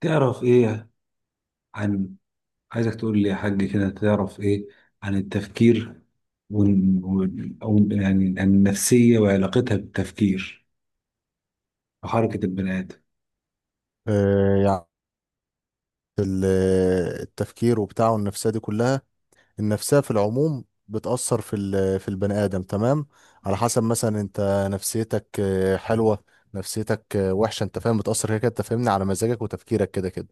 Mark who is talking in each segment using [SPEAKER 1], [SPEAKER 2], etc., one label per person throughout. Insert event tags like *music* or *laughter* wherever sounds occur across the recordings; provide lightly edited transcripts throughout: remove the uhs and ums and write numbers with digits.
[SPEAKER 1] تعرف ايه عن عايزك تقول لي يا حاج كده تعرف ايه عن التفكير ون... ون... او يعني عن النفسية وعلاقتها بالتفكير وحركة البني آدم.
[SPEAKER 2] يعني ال- التفكير وبتاعه النفسية دي كلها. النفسية في العموم بتأثر في البني آدم. تمام، على حسب مثلا انت نفسيتك حلوة، نفسيتك وحشة، انت فاهم، بتأثر كده كده، انت فاهمني، على مزاجك وتفكيرك كده كده.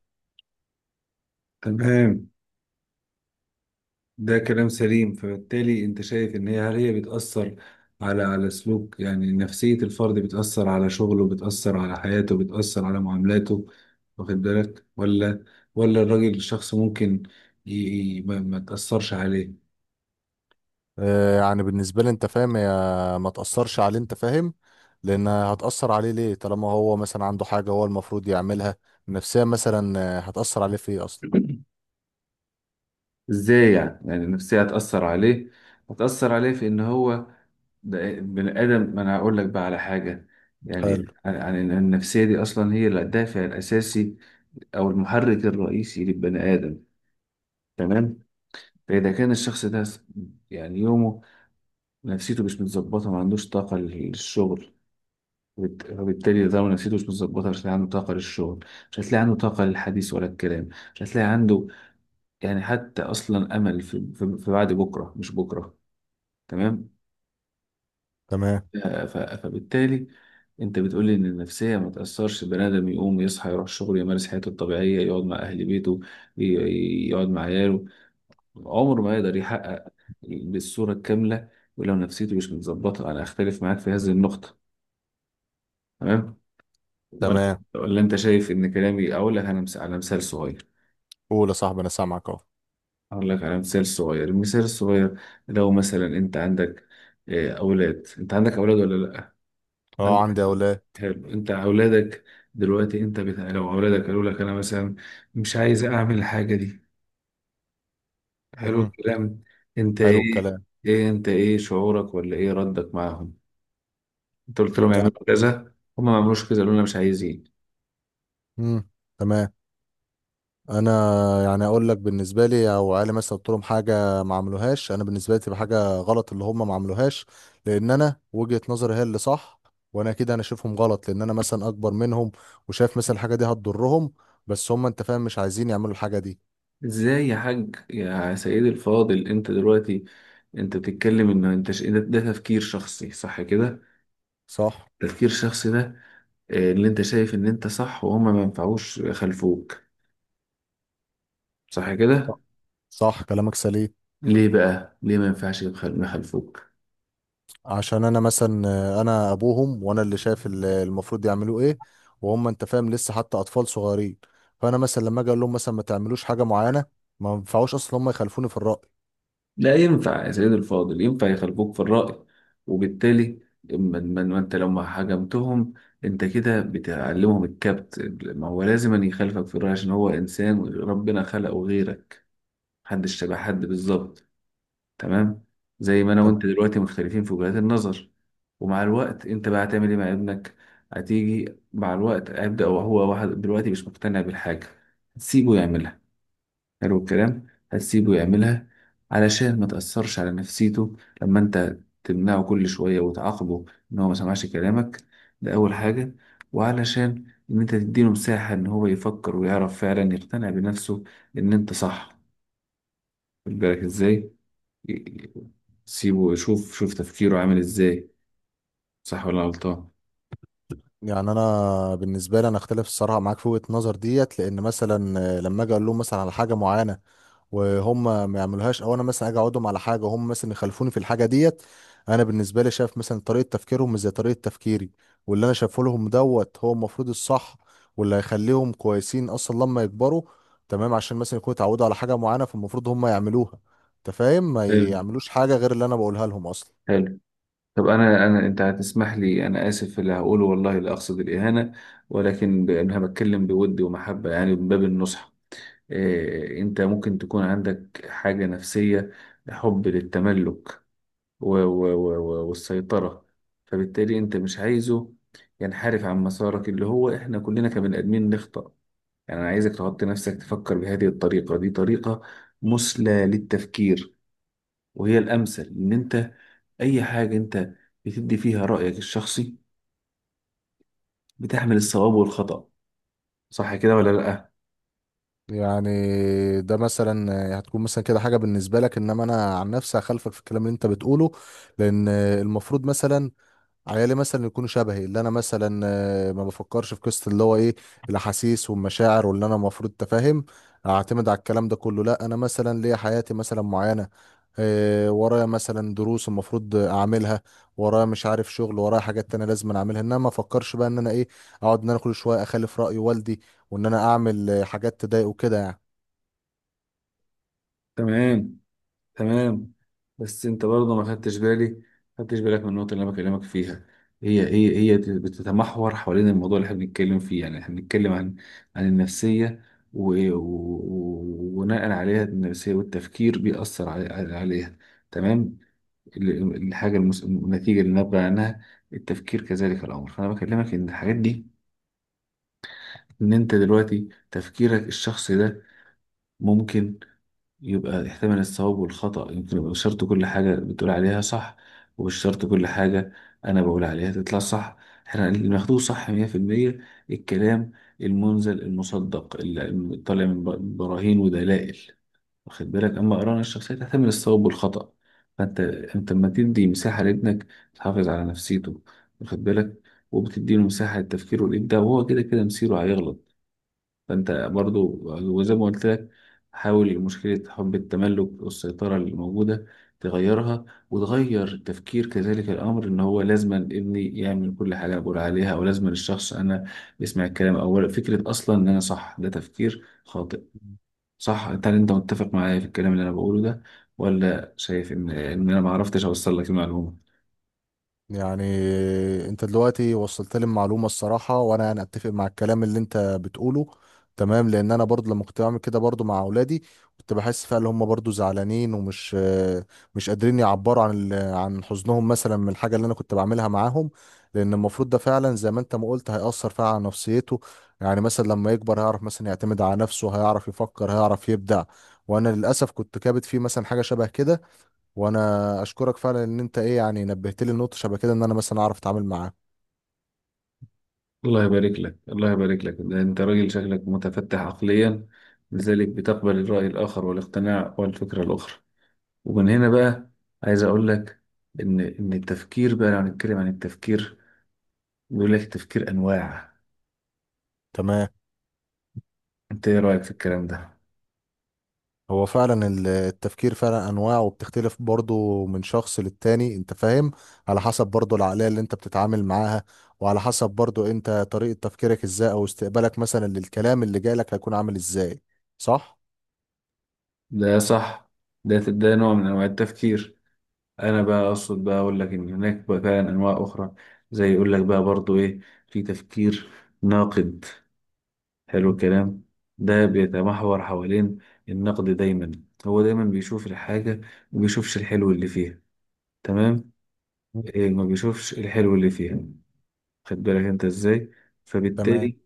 [SPEAKER 1] تمام، ده كلام سليم. فبالتالي انت شايف ان هل هي بتأثر على سلوك؟ يعني نفسية الفرد بتأثر على شغله، بتأثر على حياته، بتأثر على معاملاته، واخد بالك؟ ولا الراجل الشخص ممكن ي... ما تأثرش عليه؟
[SPEAKER 2] يعني بالنسبة لي انت فاهم، هي ما تأثرش عليه، انت فاهم. لأن هتأثر عليه ليه؟ طالما هو مثلا عنده حاجة هو المفروض يعملها. النفسية مثلا هتأثر عليه في ايه أصلا؟
[SPEAKER 1] ازاي يعني؟ يعني النفسية هتأثر عليه؟ هتأثر عليه في ان هو ده بني آدم. ما انا هقول لك بقى على حاجة،
[SPEAKER 2] حلو.
[SPEAKER 1] يعني عن إن النفسية دي اصلا هي الدافع الاساسي او المحرك الرئيسي للبني آدم. تمام؟ فاذا كان الشخص ده يعني يومه نفسيته مش متظبطة، ما عندوش طاقة للشغل. وبالتالي ده نفسيته مش متظبطة، مش هتلاقي عنده طاقة للشغل، مش هتلاقي عنده طاقة للحديث ولا الكلام، مش هتلاقي عنده يعني حتى اصلا امل في بعد بكره مش بكره. تمام.
[SPEAKER 2] تمام.
[SPEAKER 1] فبالتالي انت بتقول لي ان النفسيه ما تاثرش، بني ادم يقوم يصحى يروح شغله يمارس حياته الطبيعيه يقعد مع اهل بيته، يقعد مع عياله، عمره ما يقدر يحقق بالصوره الكامله ولو نفسيته مش متظبطه. انا اختلف معاك في هذه النقطه. تمام؟ ولا
[SPEAKER 2] تمام،
[SPEAKER 1] انت شايف ان كلامي؟ اقول لك انا على مثال صغير،
[SPEAKER 2] قول يا صاحبي، أنا سامعك أهو.
[SPEAKER 1] اقول لك على مثال صغير. المثال الصغير، لو مثلا انت عندك، اولاد، انت عندك اولاد ولا لا؟
[SPEAKER 2] أه،
[SPEAKER 1] عندك.
[SPEAKER 2] عندي أولاد.
[SPEAKER 1] حلو، انت اولادك دلوقتي انت بتاع، لو اولادك قالوا لك انا مثلا مش عايز اعمل الحاجه دي، حلو
[SPEAKER 2] امم
[SPEAKER 1] الكلام، انت
[SPEAKER 2] حلو
[SPEAKER 1] ايه؟
[SPEAKER 2] الكلام.
[SPEAKER 1] ايه انت ايه شعورك؟ ولا ايه ردك معاهم؟ انت قلت لهم
[SPEAKER 2] يعني
[SPEAKER 1] يعملوا كذا، هم ما عملوش كذا، قالوا لنا مش عايزين.
[SPEAKER 2] امم تمام. انا يعني اقول لك بالنسبه لي، او علي مثلا قلت لهم حاجه ما عملوهاش، انا بالنسبه لي تبقى حاجه غلط اللي هم ما عملوهاش، لان انا وجهه نظري هي اللي صح، وانا كده انا شايفهم غلط، لان انا مثلا اكبر منهم وشايف مثلا الحاجه دي هتضرهم، بس هم انت فاهم مش عايزين يعملوا الحاجه دي.
[SPEAKER 1] ازاي يا حاج يا سيدي الفاضل؟ انت دلوقتي انت بتتكلم ان انت ده تفكير شخصي، صح كده؟
[SPEAKER 2] صح.
[SPEAKER 1] تفكير شخصي ده، اللي انت شايف ان انت صح وهم ما ينفعوش خلفوك، صح كده؟
[SPEAKER 2] صح كلامك سليم.
[SPEAKER 1] ليه بقى؟ ليه ما ينفعش يخلفوك؟
[SPEAKER 2] عشان انا مثلا انا ابوهم، وانا اللي شايف المفروض يعملوه ايه، وهم انت فاهم لسه حتى اطفال صغيرين، فانا مثلا لما اجي اقول لهم مثلا ما تعملوش حاجه معينه، ما ينفعوش اصلا هم يخالفوني في الراي.
[SPEAKER 1] لا، ينفع يا سيدي الفاضل، ينفع يخلفوك في الرأي. وبالتالي ما انت لو ما حجمتهم، انت كده بتعلمهم الكبت. ما هو لازم أن يخالفك في الرأي، عشان هو إنسان ربنا خلقه غيرك، محدش شبه حد بالظبط. تمام؟ زي ما أنا وأنت
[SPEAKER 2] تمام.
[SPEAKER 1] دلوقتي مختلفين في وجهات النظر. ومع الوقت انت بقى هتعمل ايه مع ابنك؟ هتيجي مع الوقت، هيبدأ وهو واحد دلوقتي مش مقتنع بالحاجة، هتسيبه يعملها؟ حلو الكلام، هتسيبه يعملها علشان ما تأثرش على نفسيته. لما انت تمنعه كل شوية وتعاقبه ان هو ما سمعش كلامك، ده أول حاجة. وعلشان ان انت تديله مساحة ان هو يفكر ويعرف فعلا يقتنع بنفسه ان انت صح، خد بالك ازاي؟ ي- سيبه، شوف تفكيره عامل ازاي، صح ولا غلطان.
[SPEAKER 2] يعني انا بالنسبه لي انا اختلف الصراحه معاك في وجهه النظر ديت، لان مثلا لما اجي اقول لهم مثلا على حاجه معينه وهم ما يعملوهاش، او انا مثلا اجي اقعدهم على حاجه وهم مثلا يخالفوني في الحاجه ديت، انا بالنسبه لي شايف مثلا طريقه تفكيرهم مش زي طريقه تفكيري، واللي انا شايفه لهم دوت هو المفروض الصح، واللي هيخليهم كويسين اصلا لما يكبروا. تمام، عشان مثلا يكونوا اتعودوا على حاجه معينه فالمفروض هم يعملوها، انت فاهم، ما
[SPEAKER 1] حلو،
[SPEAKER 2] يعملوش حاجه غير اللي انا بقولها لهم اصلا.
[SPEAKER 1] حلو. طب انا انا انت هتسمح لي، انا اسف في اللي هقوله، والله لا اقصد الاهانه، ولكن انا بتكلم بود ومحبه يعني من باب النصح. انت ممكن تكون عندك حاجة نفسية، حب للتملك و- و- و- و- والسيطرة، فبالتالي انت مش عايزه ينحرف عن مسارك، اللي هو احنا كلنا كبني ادمين نخطأ. يعني انا عايزك تحط نفسك تفكر بهذه الطريقة، دي طريقة مثلى للتفكير، وهي الامثل، ان انت اي حاجة انت بتدي فيها رأيك الشخصي بتحمل الصواب والخطأ. صح كده ولا لأ؟
[SPEAKER 2] يعني ده مثلا هتكون مثلا كده حاجه بالنسبه لك، انما انا عن نفسي هخالفك في الكلام اللي انت بتقوله، لان المفروض مثلا عيالي مثلا يكونوا شبهي، اللي انا مثلا ما بفكرش في قصه اللي هو ايه، الاحاسيس والمشاعر واللي انا المفروض تفهم، اعتمد على الكلام ده كله. لا، انا مثلا ليا حياتي مثلا معينه، ورايا مثلا دروس المفروض اعملها، ورايا مش عارف شغل، ورايا حاجات تانية لازم اعملها، انما ما افكرش بقى ان انا ايه، اقعد ان انا كل شويه اخالف راي والدي، وان انا اعمل حاجات تضايقه كده يعني.
[SPEAKER 1] تمام، تمام. بس انت برضه ما خدتش بالي، ما خدتش بالك من النقطه اللي انا بكلمك فيها. هي بتتمحور حوالين الموضوع اللي احنا بنتكلم فيه. يعني احنا بنتكلم عن النفسيه، و- و- وبناء عليها النفسيه والتفكير بيأثر عليها. تمام. الحاجه النتيجه اللي نابعه عنها التفكير، كذلك الامر. فانا بكلمك ان الحاجات دي، ان انت دلوقتي تفكيرك الشخصي ده ممكن يبقى يحتمل الصواب والخطأ، يمكن يبقى مش شرط كل حاجة بتقول عليها صح، ومش شرط كل حاجة أنا بقول عليها تطلع صح. احنا اللي بناخدوه صح 100% الكلام المنزل المصدق اللي طالع من براهين ودلائل، واخد بالك؟ أما قراءة الشخصية تحتمل الصواب والخطأ. فأنت لما تدي مساحة لابنك، تحافظ على نفسيته، واخد بالك، وبتديله مساحة للتفكير والإبداع، وهو كده كده مصيره هيغلط. فانت برضو، وزي ما قلت لك، حاول مشكلة حب التملك والسيطرة اللي موجودة تغيرها، وتغير تفكير كذلك الأمر، إن هو لازم ابني يعمل كل حاجة أنا بقول عليها، أو لازم الشخص أنا يسمع الكلام أولا، فكرة أصلا إن أنا صح ده تفكير خاطئ. صح؟ هل أنت متفق معايا في الكلام اللي أنا بقوله ده، ولا شايف إن أنا معرفتش أوصل لك المعلومة؟
[SPEAKER 2] يعني انت دلوقتي وصلت لي المعلومه الصراحه، وانا يعني اتفق مع الكلام اللي انت بتقوله. تمام، لان انا برضو لما كنت بعمل كده برضو مع اولادي، كنت بحس فعلا ان هم برضو زعلانين ومش مش قادرين يعبروا عن عن حزنهم مثلا من الحاجه اللي انا كنت بعملها معاهم، لان المفروض ده فعلا زي ما انت ما قلت هيأثر فعلا على نفسيته. يعني مثلا لما يكبر هيعرف مثلا يعتمد على نفسه، هيعرف يفكر، هيعرف يبدع، وانا للاسف كنت كابت فيه مثلا حاجه شبه كده. وانا اشكرك فعلا ان انت ايه يعني نبهت لي النقطه شبه كده، ان انا مثلا اعرف اتعامل معاه.
[SPEAKER 1] الله يبارك لك، الله يبارك لك، ده انت راجل شكلك متفتح عقليا، لذلك بتقبل الرأي الآخر والاقتناع والفكرة الأخرى. ومن هنا بقى عايز أقول لك إن التفكير بقى، لو هنتكلم عن التفكير، بيقول لك التفكير أنواع.
[SPEAKER 2] تمام.
[SPEAKER 1] أنت إيه رأيك في الكلام ده؟
[SPEAKER 2] هو فعلا التفكير فعلا انواع، وبتختلف برضه من شخص للتاني انت فاهم، على حسب برضه العقليه اللي انت بتتعامل معاها، وعلى حسب برضه انت طريقه تفكيرك ازاي او استقبالك مثلا للكلام اللي جايلك هيكون عامل ازاي. صح.
[SPEAKER 1] ده صح. ده نوع من أنواع التفكير. أنا بقى أقصد بقى أقول لك إن هناك بقى فعلا أنواع أخرى، زي يقول لك بقى برضو إيه، في تفكير ناقد. حلو
[SPEAKER 2] مم.
[SPEAKER 1] الكلام. ده بيتمحور حوالين النقد دايما، هو دايما بيشوف الحاجة وبيشوفش الحلو اللي فيها. تمام.
[SPEAKER 2] مم.
[SPEAKER 1] إيه، ما بيشوفش الحلو اللي فيها، خد بالك انت ازاي.
[SPEAKER 2] تمام.
[SPEAKER 1] فبالتالي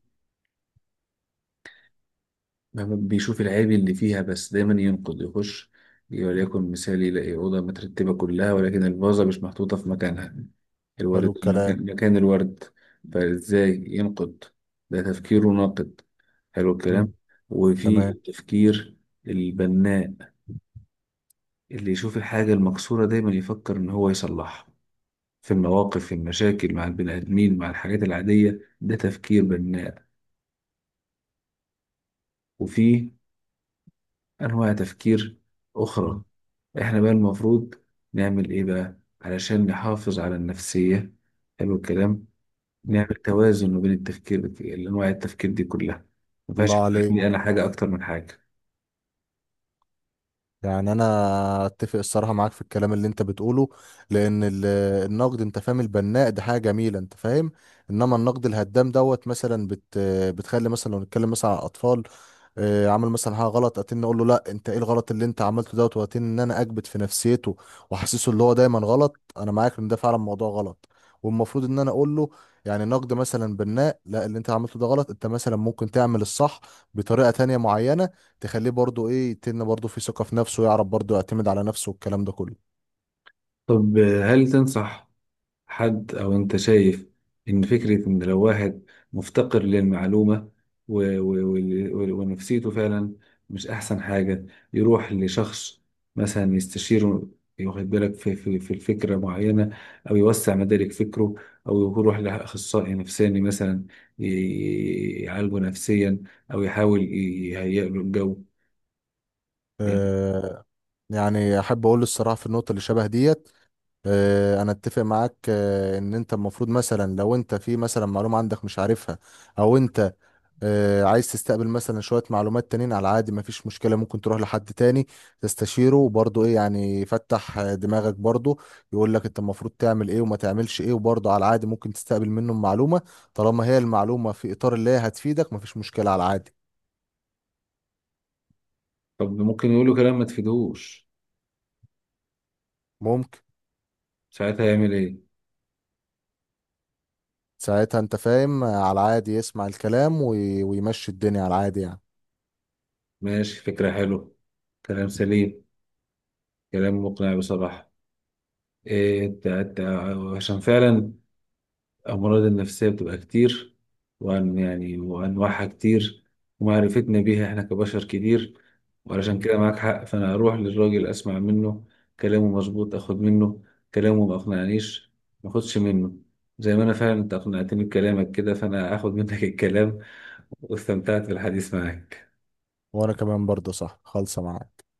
[SPEAKER 1] ما بيشوف العيب اللي فيها بس، دايما ينقد يخش. وليكن مثال، يلاقي أوضة مترتبة كلها، ولكن الفازة مش محطوطة في مكانها، الورد
[SPEAKER 2] حلو الكلام.
[SPEAKER 1] مكان الورد، فازاي ينقد. ده تفكيره
[SPEAKER 2] مم.
[SPEAKER 1] ناقد. حلو الكلام.
[SPEAKER 2] مم.
[SPEAKER 1] وفي
[SPEAKER 2] تمام.
[SPEAKER 1] التفكير البناء، اللي يشوف الحاجة المكسورة دايما يفكر إن هو يصلحها، في المواقف، في المشاكل مع البني آدمين، مع الحاجات العادية، ده تفكير بناء. وفي أنواع تفكير أخرى. إحنا بقى المفروض نعمل إيه بقى علشان نحافظ على النفسية؟ حلو الكلام.
[SPEAKER 2] مم.
[SPEAKER 1] نعمل توازن ما بين التفكير، الأنواع التفكير دي كلها، ما ينفعش
[SPEAKER 2] الله
[SPEAKER 1] يبقى
[SPEAKER 2] عليك.
[SPEAKER 1] عندي أنا حاجة أكتر من حاجة.
[SPEAKER 2] يعني انا اتفق الصراحه معاك في الكلام اللي انت بتقوله، لان النقد انت فاهم البناء ده حاجه جميله انت فاهم، انما النقد الهدام دوت مثلا بتخلي مثلا، لو نتكلم مثلا على الاطفال، عمل مثلا حاجه غلط، اقول له لا انت ايه الغلط اللي انت عملته دوت، ان انا اكبت في نفسيته واحسسه اللي هو دايما غلط. انا معاك ان ده فعلا موضوع غلط، والمفروض ان انا اقول له يعني نقد مثلا بناء: لا، اللي انت عملته ده غلط، انت مثلا ممكن تعمل الصح بطريقه تانية معينه، تخليه برضو ايه برضو في ثقه في نفسه، يعرف برضو يعتمد على نفسه والكلام ده كله.
[SPEAKER 1] طب، هل تنصح حد، أو أنت شايف إن فكرة إن لو واحد مفتقر للمعلومة و- و- وال- وال- ونفسيته فعلا مش أحسن حاجة، يروح لشخص مثلا يستشيره، واخد بالك، في الفكرة معينة، أو يوسع مدارك فكره، أو يروح لأخصائي نفساني مثلا يعالجه نفسيا، أو يحاول يهيئ له الجو يعني؟
[SPEAKER 2] آه، يعني احب اقول الصراحه في النقطه اللي شبه ديت، انا اتفق معاك ان انت المفروض مثلا لو انت في مثلا معلومه عندك مش عارفها، او انت عايز تستقبل مثلا شويه معلومات تانيين على عادي، مفيش مشكله، ممكن تروح لحد تاني تستشيره وبرضه ايه يعني يفتح دماغك برضه، يقول لك انت المفروض تعمل ايه وما تعملش ايه، وبرضه على عادي ممكن تستقبل منه معلومه طالما هي المعلومه في اطار اللي هي هتفيدك، مفيش مشكله على عادي.
[SPEAKER 1] طب ممكن يقول له كلام ما تفيدهوش،
[SPEAKER 2] ممكن.
[SPEAKER 1] ساعتها يعمل إيه؟
[SPEAKER 2] ساعتها انت فاهم على عادي يسمع الكلام ويمشي الدنيا على عادي يعني.
[SPEAKER 1] ماشي، فكرة حلوة، كلام سليم، كلام مقنع بصراحة. إيه انت عشان فعلا الأمراض النفسية بتبقى كتير، وأن يعني وأنواعها كتير، ومعرفتنا بيها إحنا كبشر كتير، وعلشان كده معاك حق. فأنا أروح للراجل أسمع منه، كلامه مظبوط أخد منه، كلامه ما أقنعنيش ما أخدش منه. زي ما أنا فعلا أنت أقنعتني بكلامك كده، فأنا هاخد منك *laughs* الكلام، واستمتعت بالحديث معاك.
[SPEAKER 2] وانا كمان برضه صح خالصة معاك.